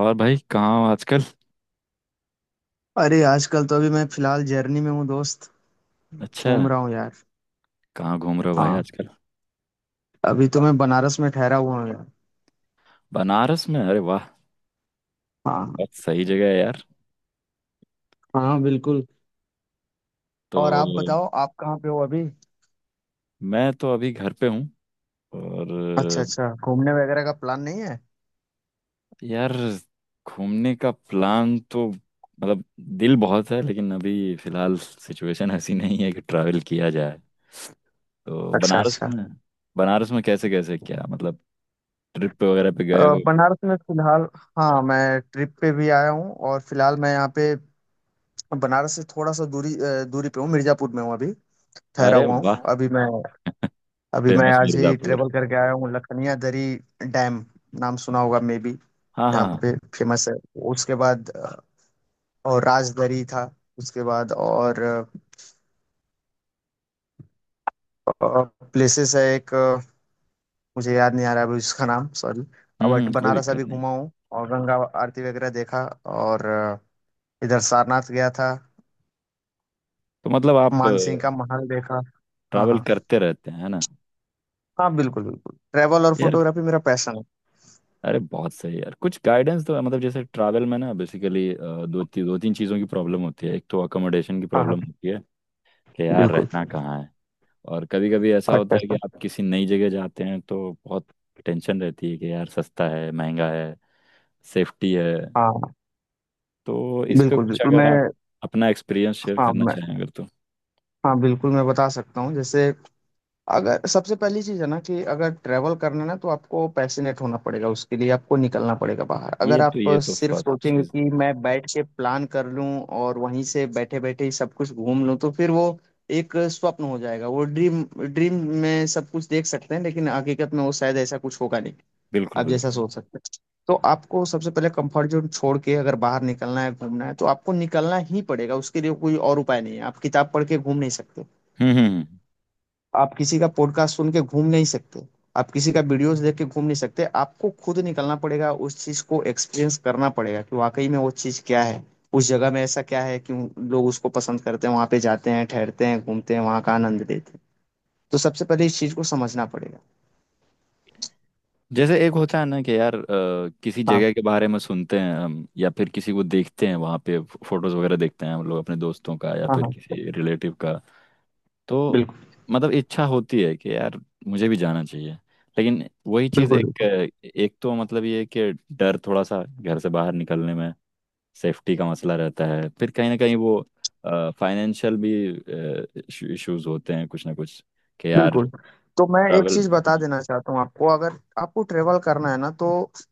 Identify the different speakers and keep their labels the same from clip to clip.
Speaker 1: और भाई, कहाँ हो आजकल?
Speaker 2: अरे आजकल तो अभी मैं फिलहाल जर्नी में हूँ दोस्त।
Speaker 1: अच्छा।
Speaker 2: घूम रहा हूँ यार।
Speaker 1: कहाँ घूम रहे हो भाई
Speaker 2: हाँ,
Speaker 1: आजकल?
Speaker 2: अभी तो मैं बनारस में ठहरा हुआ हूँ यार।
Speaker 1: बनारस में, अरे वाह।
Speaker 2: हाँ।
Speaker 1: बहुत सही जगह है यार।
Speaker 2: हाँ बिल्कुल। और
Speaker 1: तो।
Speaker 2: आप बताओ, आप कहाँ पे हो अभी?
Speaker 1: मैं तो अभी घर पे हूँ। और।
Speaker 2: अच्छा अच्छा, घूमने वगैरह का प्लान नहीं है?
Speaker 1: यार, घूमने का प्लान तो मतलब, दिल बहुत है, लेकिन अभी फिलहाल सिचुएशन ऐसी नहीं है कि ट्रैवल किया जाए। तो
Speaker 2: अच्छा
Speaker 1: बनारस
Speaker 2: अच्छा।
Speaker 1: में। बनारस में कैसे कैसे, क्या मतलब, ट्रिप पे वगैरह पे
Speaker 2: अ,
Speaker 1: गए हो?
Speaker 2: बनारस में फिलहाल। हाँ मैं ट्रिप पे भी आया हूँ और फिलहाल मैं यहाँ पे बनारस से थोड़ा सा दूरी पे हूँ। मिर्जापुर में हूँ अभी। ठहरा
Speaker 1: अरे
Speaker 2: हुआ हूँ
Speaker 1: वाह।
Speaker 2: अभी मैं। अभी मैं
Speaker 1: फेमस
Speaker 2: आज ही
Speaker 1: मिर्ज़ापुर।
Speaker 2: ट्रेवल करके आया हूँ लखनिया दरी डैम। नाम सुना होगा मे बी।
Speaker 1: हाँ हाँ
Speaker 2: यहाँ पे
Speaker 1: हाँ।
Speaker 2: फेमस है। उसके बाद और राजदरी था। उसके बाद और प्लेसेस है एक, मुझे याद नहीं आ रहा है अभी उसका नाम, सॉरी। बट
Speaker 1: कोई
Speaker 2: बनारस अभी
Speaker 1: दिक्कत नहीं।
Speaker 2: घुमा हूँ, और गंगा आरती वगैरह देखा, और इधर सारनाथ गया था।
Speaker 1: तो मतलब आप
Speaker 2: मानसिंह का महल देखा। हाँ
Speaker 1: ट्रैवल
Speaker 2: हाँ।
Speaker 1: करते रहते हैं, है ना?
Speaker 2: हाँ बिल्कुल बिल्कुल, ट्रैवल और
Speaker 1: यार।
Speaker 2: फोटोग्राफी मेरा पैशन है।
Speaker 1: अरे बहुत सही यार, कुछ गाइडेंस तो मतलब जैसे ट्रैवल में ना बेसिकली दो तीन चीज़ों की प्रॉब्लम होती है। एक तो अकोमोडेशन की
Speaker 2: हाँ हाँ
Speaker 1: प्रॉब्लम होती है कि यार
Speaker 2: बिल्कुल।
Speaker 1: रहना कहाँ है। और कभी कभी ऐसा
Speaker 2: अच्छा
Speaker 1: होता है कि
Speaker 2: अच्छा।
Speaker 1: आप किसी नई जगह जाते हैं तो बहुत टेंशन रहती है कि यार, सस्ता है, महंगा है, सेफ्टी है।
Speaker 2: हाँ
Speaker 1: तो इस पे
Speaker 2: बिल्कुल
Speaker 1: कुछ
Speaker 2: बिल्कुल
Speaker 1: अगर
Speaker 2: मैं,
Speaker 1: आप अपना एक्सपीरियंस शेयर
Speaker 2: हाँ
Speaker 1: करना
Speaker 2: मैं,
Speaker 1: चाहें, अगर तो।
Speaker 2: हाँ बिल्कुल, मैं बता सकता हूँ जैसे, अगर सबसे पहली चीज़ है ना कि अगर ट्रैवल करना है ना, तो आपको पैशनेट होना पड़ेगा। उसके लिए आपको निकलना पड़ेगा बाहर। अगर
Speaker 1: ये तो
Speaker 2: आप
Speaker 1: ये तो
Speaker 2: सिर्फ
Speaker 1: फर्स्ट
Speaker 2: सोचेंगे
Speaker 1: चीज़।
Speaker 2: कि मैं बैठ के प्लान कर लूं और वहीं से बैठे बैठे ही सब कुछ घूम लूं, तो फिर वो एक स्वप्न हो जाएगा। वो ड्रीम ड्रीम में सब कुछ देख सकते हैं लेकिन हकीकत में वो शायद ऐसा कुछ होगा नहीं,
Speaker 1: बिल्कुल
Speaker 2: आप
Speaker 1: बिल्कुल।
Speaker 2: जैसा सोच सकते हैं। तो आपको सबसे पहले कंफर्ट जोन छोड़ के, अगर बाहर निकलना है घूमना है, तो आपको निकलना ही पड़ेगा। उसके लिए कोई और उपाय नहीं है। आप किताब पढ़ के घूम नहीं सकते,
Speaker 1: हम्म।
Speaker 2: आप किसी का पॉडकास्ट सुन के घूम नहीं सकते, आप किसी का वीडियोस देख के घूम नहीं सकते। आपको खुद निकलना पड़ेगा, उस चीज को एक्सपीरियंस करना पड़ेगा कि वाकई में वो चीज क्या है। उस जगह में ऐसा क्या है कि लोग उसको पसंद करते हैं, वहां पे जाते हैं, ठहरते हैं, घूमते हैं, वहां का आनंद लेते हैं। तो सबसे पहले इस चीज को समझना पड़ेगा।
Speaker 1: जैसे एक होता है ना कि यार किसी
Speaker 2: हाँ
Speaker 1: जगह के बारे में सुनते हैं हम, या फिर किसी को देखते हैं वहाँ पे, फोटोज वगैरह देखते हैं हम लोग, अपने दोस्तों का या
Speaker 2: हाँ।
Speaker 1: फिर
Speaker 2: हाँ
Speaker 1: किसी रिलेटिव का। तो
Speaker 2: बिल्कुल
Speaker 1: मतलब इच्छा होती है कि यार मुझे भी जाना चाहिए। लेकिन वही चीज़,
Speaker 2: बिल्कुल।
Speaker 1: एक
Speaker 2: बिल्कुल
Speaker 1: एक तो मतलब ये है कि डर थोड़ा सा घर से बाहर निकलने में, सेफ्टी का मसला रहता है, फिर कहीं ना कहीं वो फाइनेंशियल भी इश्यूज होते हैं, कुछ ना कुछ कि यार
Speaker 2: बिल्कुल, तो मैं एक
Speaker 1: ट्रैवल।
Speaker 2: चीज बता
Speaker 1: हम्म।
Speaker 2: देना चाहता हूँ आपको। अगर आपको ट्रेवल करना है ना, तो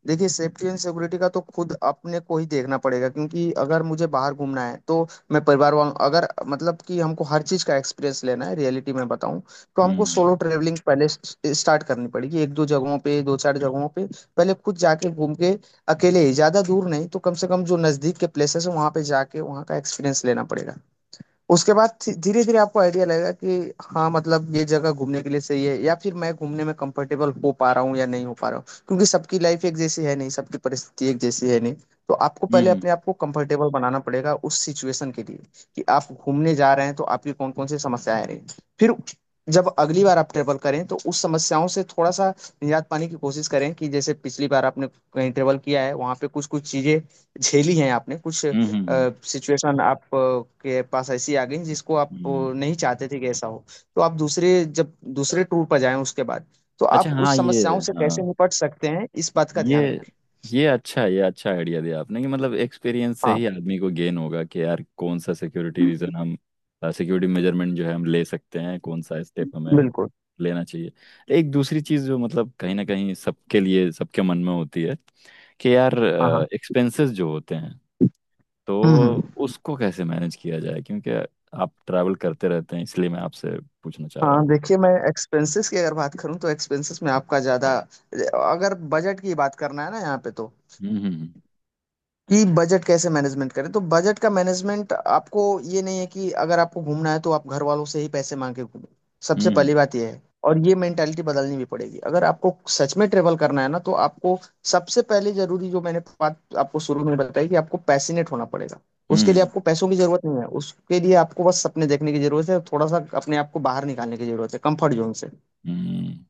Speaker 2: देखिए, सेफ्टी एंड सिक्योरिटी का तो खुद अपने को ही देखना पड़ेगा। क्योंकि अगर मुझे बाहर घूमना है तो मैं परिवार वालों, अगर मतलब कि हमको हर चीज का एक्सपीरियंस लेना है रियलिटी में बताऊं, तो हमको
Speaker 1: हम्म।
Speaker 2: सोलो ट्रेवलिंग पहले स्टार्ट करनी पड़ेगी। एक दो जगहों पे, दो चार जगहों पे पहले खुद जाके घूम के, अकेले ही। ज्यादा दूर नहीं तो कम से कम जो नजदीक के प्लेसेस है वहां पे जाके वहां का एक्सपीरियंस लेना पड़ेगा। उसके बाद धीरे धीरे आपको आइडिया लगेगा कि हाँ, मतलब ये जगह घूमने के लिए सही है या फिर मैं घूमने में कंफर्टेबल हो पा रहा हूँ या नहीं हो पा रहा हूँ। क्योंकि सबकी लाइफ एक जैसी है नहीं, सबकी परिस्थिति एक जैसी है नहीं। तो आपको पहले
Speaker 1: हम्म।
Speaker 2: अपने आप को कंफर्टेबल बनाना पड़ेगा उस सिचुएशन के लिए कि आप घूमने जा रहे हैं तो आपकी कौन कौन सी समस्याएं आ रही हैं। फिर जब अगली बार आप ट्रेवल करें तो उस समस्याओं से थोड़ा सा निजात पाने की कोशिश करें, कि जैसे पिछली बार आपने कहीं ट्रेवल किया है वहां पे कुछ कुछ चीजें झेली हैं आपने, कुछ
Speaker 1: हम्म।
Speaker 2: सिचुएशन आप के पास ऐसी आ गई जिसको आप
Speaker 1: हम्म।
Speaker 2: नहीं चाहते थे कि ऐसा हो। तो आप दूसरे जब दूसरे टूर पर जाएं उसके बाद, तो
Speaker 1: अच्छा
Speaker 2: आप
Speaker 1: हाँ,
Speaker 2: उस
Speaker 1: ये,
Speaker 2: समस्याओं से
Speaker 1: हाँ,
Speaker 2: कैसे निपट सकते हैं इस बात का ध्यान
Speaker 1: ये
Speaker 2: रखें।
Speaker 1: ये अच्छा है, ये अच्छा आइडिया दिया आपने कि मतलब एक्सपीरियंस से
Speaker 2: हाँ
Speaker 1: ही आदमी को गेन होगा कि यार, कौन सा सिक्योरिटी रीजन हम, सिक्योरिटी मेजरमेंट जो है हम ले सकते हैं, कौन सा स्टेप हमें
Speaker 2: बिल्कुल।
Speaker 1: लेना चाहिए। एक दूसरी चीज़ जो मतलब कहीं ना कहीं सबके लिए, सबके मन में होती है, कि यार
Speaker 2: हाँ हाँ।
Speaker 1: एक्सपेंसेस जो होते हैं, तो
Speaker 2: हम्म हम्म।
Speaker 1: उसको कैसे मैनेज किया जाए, क्योंकि आप ट्रैवल करते रहते हैं, इसलिए मैं आपसे पूछना चाह रहा हूँ।
Speaker 2: हाँ देखिए, मैं एक्सपेंसेस की अगर बात करूं तो एक्सपेंसेस में आपका ज़्यादा, अगर बजट की बात करना है ना यहाँ पे, तो
Speaker 1: हम्म। हम्म।
Speaker 2: कि बजट कैसे मैनेजमेंट करें, तो बजट का मैनेजमेंट आपको, ये नहीं है कि अगर आपको घूमना है तो आप घर वालों से ही पैसे मांग के घूमें। सबसे
Speaker 1: हम्म।
Speaker 2: पहली बात ये है, और ये मेंटालिटी बदलनी भी पड़ेगी अगर आपको सच में ट्रेवल करना है ना, तो आपको सबसे पहले जरूरी जो मैंने बात आपको शुरू में बताई कि आपको पैशनेट होना पड़ेगा। उसके लिए
Speaker 1: हम्म।
Speaker 2: आपको पैसों की जरूरत नहीं है, उसके लिए आपको बस सपने देखने की जरूरत है और थोड़ा सा अपने आप को बाहर निकालने की जरूरत है, कंफर्ट जोन से।
Speaker 1: हम्म, हम्म,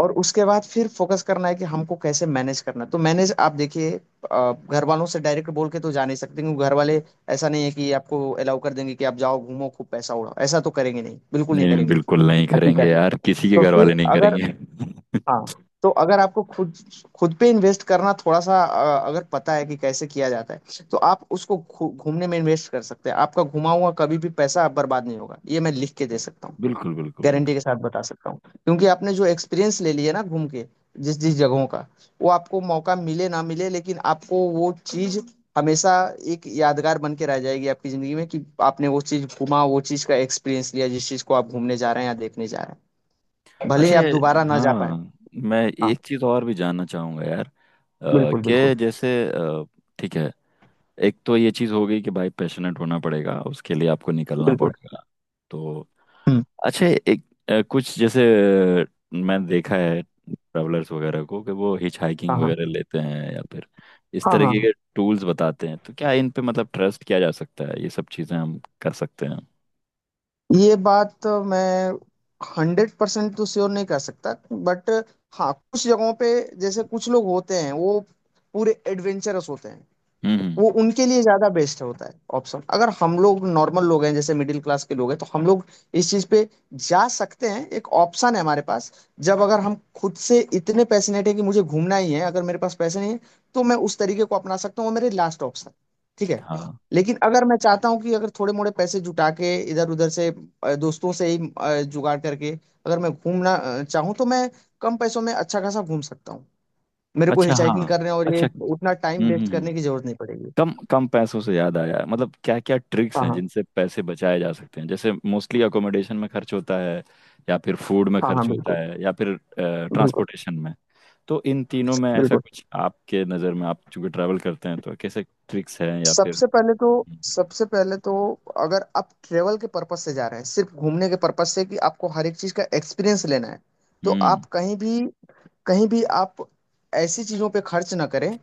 Speaker 2: और उसके बाद फिर फोकस करना है कि हमको कैसे मैनेज करना है। तो मैनेज आप देखिए, घर वालों से डायरेक्ट बोल के तो जा नहीं सकते, क्योंकि घर वाले, ऐसा नहीं है कि आपको अलाउ कर देंगे कि आप जाओ घूमो खूब पैसा उड़ाओ। ऐसा तो करेंगे नहीं, बिल्कुल नहीं
Speaker 1: नहीं नहीं,
Speaker 2: करेंगे।
Speaker 1: बिल्कुल नहीं करेंगे
Speaker 2: हकीकत है।
Speaker 1: यार, किसी के
Speaker 2: तो
Speaker 1: घर
Speaker 2: फिर
Speaker 1: वाले नहीं
Speaker 2: अगर,
Speaker 1: करेंगे
Speaker 2: हाँ, तो अगर आपको खुद खुद पे इन्वेस्ट करना, थोड़ा सा अगर पता है कि कैसे किया जाता है, तो आप उसको घूमने में इन्वेस्ट कर सकते हैं। आपका घुमा हुआ कभी भी पैसा बर्बाद नहीं होगा, ये मैं लिख के दे सकता हूँ,
Speaker 1: बिल्कुल बिल्कुल बिल्कुल।
Speaker 2: गारंटी के साथ बता सकता हूँ। क्योंकि आपने जो एक्सपीरियंस ले लिया ना घूम के, जिस जिस जगहों का, वो आपको मौका मिले ना मिले लेकिन आपको वो चीज हमेशा एक यादगार बन के रह जाएगी आपकी जिंदगी में, कि आपने वो चीज घूमा, वो चीज का एक्सपीरियंस लिया, जिस चीज को आप घूमने जा रहे हैं या देखने जा रहे हैं, भले ही
Speaker 1: अच्छा
Speaker 2: आप दोबारा ना जा पाए।
Speaker 1: हाँ। मैं
Speaker 2: हाँ
Speaker 1: एक चीज़ और भी जानना चाहूँगा यार,
Speaker 2: बिल्कुल बिल्कुल
Speaker 1: कि जैसे ठीक है, एक तो ये चीज़ हो गई कि भाई पैशनेट होना पड़ेगा, उसके लिए आपको निकलना
Speaker 2: बिल्कुल।
Speaker 1: पड़ेगा। तो।
Speaker 2: हम्म।
Speaker 1: अच्छा एक कुछ जैसे अ, मैंने देखा है ट्रैवलर्स वगैरह को कि वो हिच हाइकिंग
Speaker 2: हाँ हाँ
Speaker 1: वगैरह लेते हैं, या फिर इस
Speaker 2: हाँ।
Speaker 1: तरह
Speaker 2: हाँ
Speaker 1: के
Speaker 2: हाँ।
Speaker 1: अगर टूल्स बताते हैं, तो क्या इन पे मतलब ट्रस्ट किया जा सकता है, ये सब चीज़ें हम कर सकते हैं?
Speaker 2: ये बात तो मैं 100% तो श्योर नहीं कर सकता, बट हाँ कुछ जगहों पे, जैसे कुछ लोग होते हैं वो पूरे एडवेंचरस होते हैं,
Speaker 1: हम्म हम्म,
Speaker 2: वो उनके लिए ज्यादा बेस्ट होता है ऑप्शन। अगर हम लोग नॉर्मल लोग हैं, जैसे मिडिल क्लास के लोग हैं, तो हम लोग इस चीज पे जा सकते हैं, एक ऑप्शन है हमारे पास। जब अगर हम खुद से इतने पैशनेट है कि मुझे घूमना ही है, अगर मेरे पास पैसे नहीं है, तो मैं उस तरीके को अपना सकता हूँ, वो मेरे लास्ट ऑप्शन। ठीक है।
Speaker 1: हाँ,
Speaker 2: लेकिन अगर मैं चाहता हूँ कि अगर थोड़े मोड़े पैसे जुटा के इधर उधर से, दोस्तों से ही जुगाड़ करके अगर मैं घूमना चाहूँ, तो मैं कम पैसों में अच्छा खासा घूम सकता हूँ। मेरे को
Speaker 1: अच्छा हाँ,
Speaker 2: हिचाइकिंग करने और ये
Speaker 1: अच्छा।
Speaker 2: उतना time
Speaker 1: hmm
Speaker 2: waste
Speaker 1: hmm hmm.
Speaker 2: करने की जरूरत नहीं पड़ेगी।
Speaker 1: कम कम पैसों से याद आया, मतलब क्या क्या ट्रिक्स
Speaker 2: हाँ
Speaker 1: हैं
Speaker 2: हाँ
Speaker 1: जिनसे पैसे बचाए जा सकते हैं? जैसे मोस्टली अकोमोडेशन में खर्च होता है, या फिर फूड में
Speaker 2: हाँ हाँ।
Speaker 1: खर्च होता
Speaker 2: बिल्कुल
Speaker 1: है, या फिर
Speaker 2: बिल्कुल
Speaker 1: ट्रांसपोर्टेशन में। तो इन तीनों में ऐसा
Speaker 2: बिल्कुल।
Speaker 1: कुछ आपके नज़र में, आप चूंकि ट्रैवल करते हैं, तो कैसे ट्रिक्स हैं या फिर?
Speaker 2: सबसे पहले तो, सबसे पहले तो, अगर आप ट्रेवल के पर्पज से जा रहे हैं, सिर्फ घूमने के पर्पज से, कि आपको हर एक चीज का एक्सपीरियंस लेना है, तो
Speaker 1: हम्म।
Speaker 2: आप कहीं भी, कहीं भी आप ऐसी चीजों पे खर्च ना करें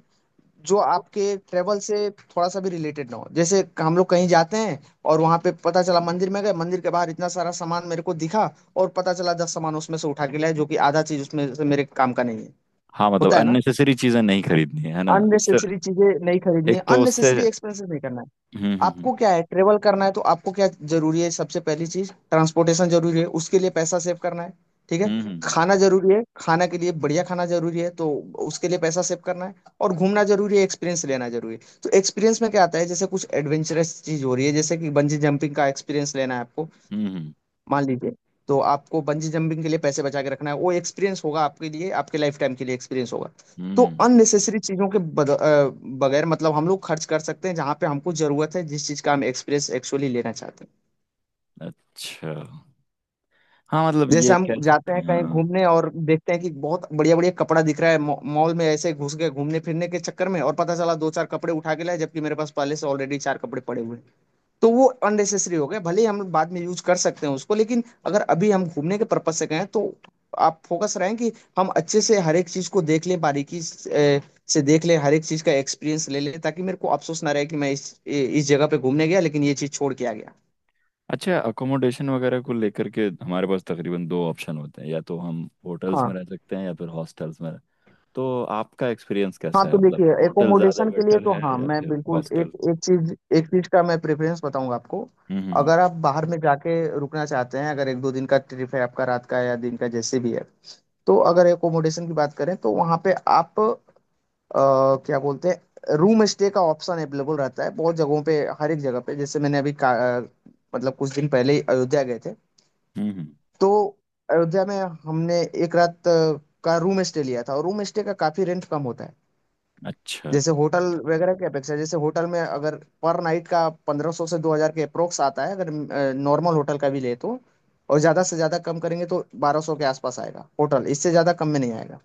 Speaker 2: जो आपके ट्रेवल से थोड़ा सा भी रिलेटेड ना हो। जैसे हम लोग कहीं जाते हैं और वहां पे पता चला मंदिर में गए, मंदिर के बाहर इतना सारा सामान मेरे को दिखा, और पता चला 10 सामान उसमें से उठा के लाए, जो कि आधा चीज उसमें से मेरे काम का नहीं है।
Speaker 1: हाँ मतलब
Speaker 2: होता है ना।
Speaker 1: अननेसेसरी चीजें नहीं खरीदनी है ना? उससे।
Speaker 2: अननेसेसरी चीजें नहीं खरीदनी है,
Speaker 1: एक तो उससे।
Speaker 2: अननेसेसरी एक्सपेंसेस नहीं करना है।
Speaker 1: हम्म।
Speaker 2: आपको क्या है, ट्रेवल करना है तो आपको क्या जरूरी है, सबसे पहली चीज ट्रांसपोर्टेशन जरूरी है, उसके लिए पैसा सेव करना है। ठीक है।
Speaker 1: हम्म।
Speaker 2: खाना जरूरी है, खाना के लिए बढ़िया खाना जरूरी है, तो उसके लिए पैसा सेव करना है। और घूमना जरूरी है, एक्सपीरियंस लेना जरूरी है। तो एक्सपीरियंस में क्या आता है, जैसे कुछ एडवेंचरस चीज हो रही है, जैसे कि बंजी जंपिंग का एक्सपीरियंस लेना है आपको,
Speaker 1: हम्म हम्म,
Speaker 2: मान लीजिए, तो आपको बंजी जंपिंग के लिए पैसे बचा के रखना है, वो एक्सपीरियंस होगा आपके लिए, आपके लाइफ टाइम के लिए एक्सपीरियंस होगा। तो
Speaker 1: हम्म,
Speaker 2: अननेसेसरी चीजों के बगैर मतलब हम लोग खर्च कर सकते हैं जहां पे हमको जरूरत है, जिस चीज का हम एक्सपीरियंस एक्चुअली लेना चाहते हैं।
Speaker 1: अच्छा हाँ मतलब
Speaker 2: जैसे
Speaker 1: ये
Speaker 2: हम
Speaker 1: कह
Speaker 2: जाते
Speaker 1: सकते
Speaker 2: हैं
Speaker 1: हैं,
Speaker 2: कहीं
Speaker 1: हाँ।
Speaker 2: घूमने और देखते हैं कि बहुत बढ़िया बढ़िया कपड़ा दिख रहा है, मॉल में ऐसे घुस गए घूमने फिरने के चक्कर में और पता चला दो चार कपड़े उठा के लाए, जबकि मेरे पास पहले से ऑलरेडी चार कपड़े पड़े हुए हैं। तो वो अननेसेसरी हो गया। भले ही हम बाद में यूज कर सकते हैं उसको, लेकिन अगर अभी हम घूमने के पर्पज से गए हैं, तो आप फोकस रहें कि हम अच्छे से हर एक चीज को देख लें, बारीकी से देख लें, हर एक चीज का एक्सपीरियंस ले लें, ताकि मेरे को अफसोस ना रहे कि मैं इस जगह पे घूमने गया लेकिन ये चीज छोड़ के आ गया।
Speaker 1: अच्छा, अकोमोडेशन वगैरह को लेकर के हमारे पास तकरीबन दो ऑप्शन होते हैं, या तो हम होटल्स
Speaker 2: हाँ
Speaker 1: में रह सकते हैं, या फिर हॉस्टल्स में रह-। तो आपका एक्सपीरियंस
Speaker 2: हाँ,
Speaker 1: कैसा है,
Speaker 2: तो देखिए,
Speaker 1: मतलब होटल ज़्यादा
Speaker 2: एकोमोडेशन के लिए
Speaker 1: बेटर
Speaker 2: तो
Speaker 1: है
Speaker 2: हाँ
Speaker 1: या
Speaker 2: मैं
Speaker 1: फिर
Speaker 2: बिल्कुल
Speaker 1: हॉस्टल?
Speaker 2: एक एक चीज, एक चीज का मैं प्रेफरेंस बताऊंगा आपको।
Speaker 1: हम्म
Speaker 2: अगर आप बाहर में जाके रुकना चाहते हैं, अगर एक दो दिन का ट्रिप है आपका, रात का या दिन का जैसे भी है, तो अगर एकोमोडेशन की बात करें तो वहाँ पे आप, क्या बोलते हैं, रूम स्टे का ऑप्शन अवेलेबल रहता है बहुत जगहों पे, हर एक जगह पे। जैसे मैंने अभी अ, मतलब कुछ दिन पहले ही अयोध्या गए थे,
Speaker 1: हम्म हम्म,
Speaker 2: तो अयोध्या में हमने एक रात का रूम स्टे लिया था और रूम स्टे का काफी रेंट कम होता है
Speaker 1: अच्छा,
Speaker 2: जैसे होटल वगैरह की अपेक्षा। जैसे होटल में अगर पर नाइट का 1500 से 2000 के अप्रोक्स आता है, अगर नॉर्मल होटल का भी ले तो। और ज्यादा से ज्यादा कम करेंगे तो 1200 के आसपास आएगा होटल, इससे ज्यादा कम में नहीं आएगा।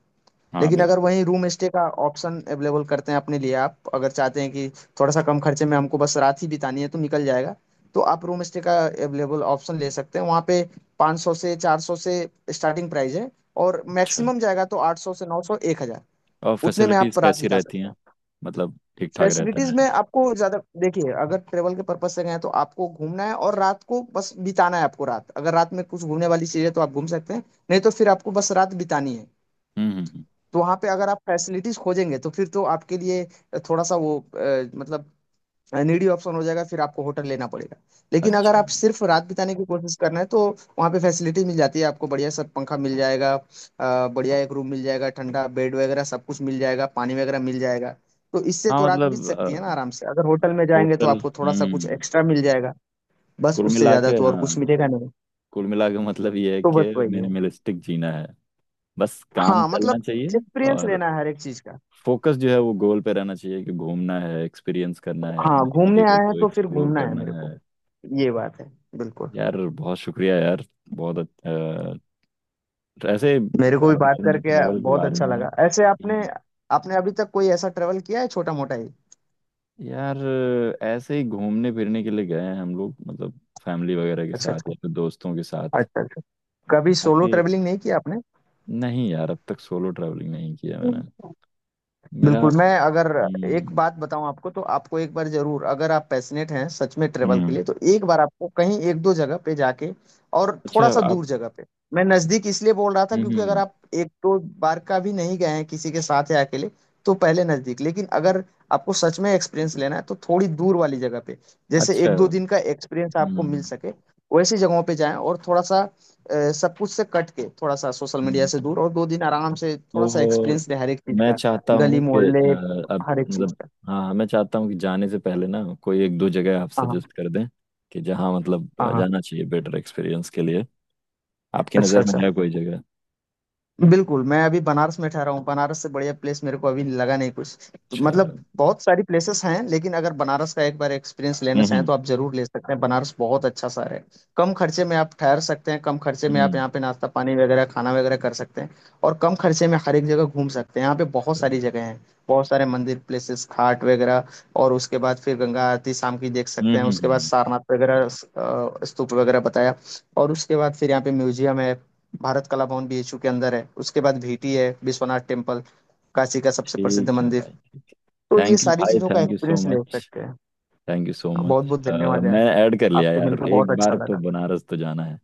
Speaker 1: हाँ
Speaker 2: लेकिन अगर
Speaker 1: बिल्कुल,
Speaker 2: वहीं रूम स्टे का ऑप्शन अवेलेबल करते हैं अपने लिए, आप अगर चाहते हैं कि थोड़ा सा कम खर्चे में हमको बस रात ही बितानी है तो निकल जाएगा। तो आप रूम स्टे का अवेलेबल ऑप्शन ले सकते हैं वहाँ पे। 500 से 400 से स्टार्टिंग प्राइस है, और
Speaker 1: अच्छा।
Speaker 2: मैक्सिमम जाएगा तो 800 से 900 1000।
Speaker 1: और
Speaker 2: उतने में
Speaker 1: फैसिलिटीज़
Speaker 2: आप रात
Speaker 1: कैसी
Speaker 2: बिता
Speaker 1: रहती
Speaker 2: सकते
Speaker 1: हैं,
Speaker 2: हैं।
Speaker 1: मतलब ठीक ठाक रहता
Speaker 2: फैसिलिटीज में
Speaker 1: है?
Speaker 2: आपको ज्यादा, देखिए अगर ट्रेवल के पर्पज से गए हैं तो आपको घूमना है और रात को बस बिताना है। आपको रात अगर रात में कुछ घूमने वाली चीज है तो आप घूम सकते हैं, नहीं तो फिर आपको बस रात बितानी है।
Speaker 1: हम्म हम्म, हम्म,
Speaker 2: तो वहां पे अगर आप फैसिलिटीज खोजेंगे तो फिर तो आपके लिए थोड़ा सा वो मतलब नीडी ऑप्शन हो जाएगा, फिर आपको होटल लेना पड़ेगा। लेकिन अगर
Speaker 1: अच्छा
Speaker 2: आप सिर्फ रात बिताने की कोशिश करना है तो वहाँ पे फैसिलिटी मिल जाती है। आपको बढ़िया सा पंखा मिल जाएगा, बढ़िया एक रूम मिल जाएगा, ठंडा बेड वगैरह सब कुछ मिल जाएगा, पानी वगैरह मिल जाएगा। तो इससे तो
Speaker 1: हाँ
Speaker 2: रात बीत
Speaker 1: मतलब
Speaker 2: सकती है ना आराम से। अगर होटल में जाएंगे तो
Speaker 1: टोटल,
Speaker 2: आपको थोड़ा सा कुछ
Speaker 1: हम्म,
Speaker 2: एक्स्ट्रा मिल जाएगा, बस
Speaker 1: कुल
Speaker 2: उससे
Speaker 1: मिला
Speaker 2: ज्यादा
Speaker 1: के
Speaker 2: तो और
Speaker 1: हाँ,
Speaker 2: कुछ मिलेगा नहीं।
Speaker 1: कुल मिला के मतलब ये है
Speaker 2: तो
Speaker 1: कि
Speaker 2: बस वही है।
Speaker 1: मिनिमलिस्टिक जीना है, बस काम
Speaker 2: हाँ
Speaker 1: चलना
Speaker 2: मतलब
Speaker 1: चाहिए।
Speaker 2: एक्सपीरियंस
Speaker 1: और
Speaker 2: लेना है हर एक चीज का।
Speaker 1: फोकस जो है वो गोल पे रहना चाहिए कि घूमना है, एक्सपीरियंस करना है,
Speaker 2: हाँ,
Speaker 1: नई नई
Speaker 2: घूमने
Speaker 1: जगह
Speaker 2: आए हैं
Speaker 1: को
Speaker 2: तो फिर
Speaker 1: एक्सप्लोर
Speaker 2: घूमना है
Speaker 1: करना
Speaker 2: मेरे
Speaker 1: है।
Speaker 2: को। ये बात है। बिल्कुल।
Speaker 1: यार बहुत शुक्रिया यार, बहुत अच्छा ऐसे
Speaker 2: मेरे को भी बात करके
Speaker 1: ट्रैवल के
Speaker 2: बहुत
Speaker 1: बारे
Speaker 2: अच्छा
Speaker 1: में।
Speaker 2: लगा ऐसे। आपने
Speaker 1: हम्म।
Speaker 2: आपने अभी तक कोई ऐसा ट्रेवल किया है छोटा मोटा ही?
Speaker 1: यार ऐसे ही घूमने फिरने के लिए गए हैं हम लोग, मतलब फैमिली वगैरह के
Speaker 2: अच्छा
Speaker 1: साथ
Speaker 2: अच्छा,
Speaker 1: या फिर दोस्तों के साथ।
Speaker 2: अच्छा अच्छा। कभी सोलो
Speaker 1: बाकी।
Speaker 2: ट्रेवलिंग नहीं किया आपने?
Speaker 1: नहीं यार, अब तक सोलो ट्रैवलिंग नहीं किया मैंने। मेरा।
Speaker 2: बिल्कुल। मैं अगर एक
Speaker 1: हम्म
Speaker 2: बात बताऊं आपको, तो आपको एक बार जरूर, अगर आप पैशनेट हैं सच में ट्रेवल के
Speaker 1: हम्म,
Speaker 2: लिए, तो एक बार आपको कहीं एक दो जगह पे जाके और थोड़ा
Speaker 1: अच्छा
Speaker 2: सा
Speaker 1: आप,
Speaker 2: दूर जगह पे। मैं नजदीक इसलिए बोल रहा था
Speaker 1: हम्म
Speaker 2: क्योंकि
Speaker 1: हम्म,
Speaker 2: अगर
Speaker 1: हम्म।
Speaker 2: आप एक दो बार का भी नहीं गए हैं किसी के साथ या अकेले तो पहले नजदीक। लेकिन अगर आपको सच में एक्सपीरियंस लेना है तो थोड़ी दूर वाली जगह पे, जैसे
Speaker 1: अच्छा,
Speaker 2: एक दो दिन का एक्सपीरियंस आपको मिल
Speaker 1: हम्म
Speaker 2: सके वैसी जगहों पे जाएं। और थोड़ा सा सब कुछ से कट के, थोड़ा सा सोशल मीडिया
Speaker 1: हम्म।
Speaker 2: से दूर, और दो दिन आराम से थोड़ा सा
Speaker 1: तो
Speaker 2: एक्सपीरियंस ले हर एक चीज
Speaker 1: मैं
Speaker 2: का।
Speaker 1: चाहता
Speaker 2: गली
Speaker 1: हूँ कि
Speaker 2: मोहल्ले
Speaker 1: अब
Speaker 2: हर एक चीज
Speaker 1: मतलब,
Speaker 2: का।
Speaker 1: हाँ हाँ, मैं चाहता हूँ कि जाने से पहले ना कोई एक दो जगह आप
Speaker 2: हाँ
Speaker 1: सजेस्ट कर दें, कि जहाँ मतलब
Speaker 2: हाँ हाँ,
Speaker 1: जाना चाहिए बेटर एक्सपीरियंस के लिए। आपकी
Speaker 2: अच्छा
Speaker 1: नज़र में
Speaker 2: अच्छा।
Speaker 1: है कोई जगह?
Speaker 2: बिल्कुल। मैं अभी बनारस में ठहरा हूँ, बनारस से बढ़िया प्लेस मेरे को अभी लगा नहीं कुछ। तो
Speaker 1: चलो।
Speaker 2: मतलब बहुत सारी प्लेसेस हैं, लेकिन अगर बनारस का एक बार एक्सपीरियंस लेना
Speaker 1: हम्म
Speaker 2: चाहें
Speaker 1: हम्म
Speaker 2: तो आप जरूर ले सकते हैं। बनारस बहुत अच्छा शहर है। कम खर्चे में आप ठहर सकते हैं, कम खर्चे में आप
Speaker 1: हम्म,
Speaker 2: यहाँ पे नाश्ता पानी वगैरह, खाना वगैरह कर सकते हैं, और कम खर्चे में हर एक जगह घूम सकते हैं। यहाँ पे बहुत
Speaker 1: चलो।
Speaker 2: सारी जगह हैं, बहुत सारे मंदिर, प्लेसेस, घाट वगैरह। और उसके बाद फिर गंगा आरती शाम की देख
Speaker 1: हम्म
Speaker 2: सकते हैं,
Speaker 1: हम्म
Speaker 2: उसके बाद
Speaker 1: हम्म,
Speaker 2: सारनाथ वगैरह, स्तूप वगैरह बताया। और उसके बाद फिर यहाँ पे म्यूजियम है, भारत कला भवन बीएचयू के अंदर है। उसके बाद भीटी है, विश्वनाथ टेम्पल, काशी का सबसे प्रसिद्ध
Speaker 1: ठीक है
Speaker 2: मंदिर।
Speaker 1: भाई, ठीक है।
Speaker 2: तो ये
Speaker 1: थैंक यू
Speaker 2: सारी
Speaker 1: भाई,
Speaker 2: चीजों का
Speaker 1: थैंक यू सो
Speaker 2: एक्सपीरियंस ले
Speaker 1: मच,
Speaker 2: सकते हैं।
Speaker 1: थैंक यू सो
Speaker 2: बहुत
Speaker 1: मच।
Speaker 2: बहुत धन्यवाद यार,
Speaker 1: मैं ऐड कर लिया
Speaker 2: आपसे
Speaker 1: यार,
Speaker 2: मिलकर बहुत
Speaker 1: एक
Speaker 2: अच्छा
Speaker 1: बार तो
Speaker 2: लगा।
Speaker 1: बनारस तो जाना है।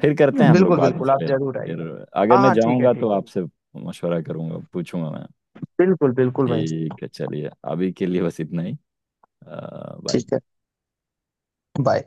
Speaker 1: फिर करते हैं हम लोग
Speaker 2: बिल्कुल
Speaker 1: बात इस
Speaker 2: बिल्कुल, आप
Speaker 1: पे
Speaker 2: जरूर
Speaker 1: फिर।
Speaker 2: आइए।
Speaker 1: अगर
Speaker 2: हाँ
Speaker 1: मैं
Speaker 2: हाँ ठीक है
Speaker 1: जाऊँगा
Speaker 2: ठीक
Speaker 1: तो
Speaker 2: है।
Speaker 1: आपसे मशवरा करूंगा, पूछूंगा मैं।
Speaker 2: बिल्कुल बिल्कुल भाई।
Speaker 1: ठीक है, चलिए अभी के लिए बस इतना ही। अ, बाय।
Speaker 2: ठीक है। बाय।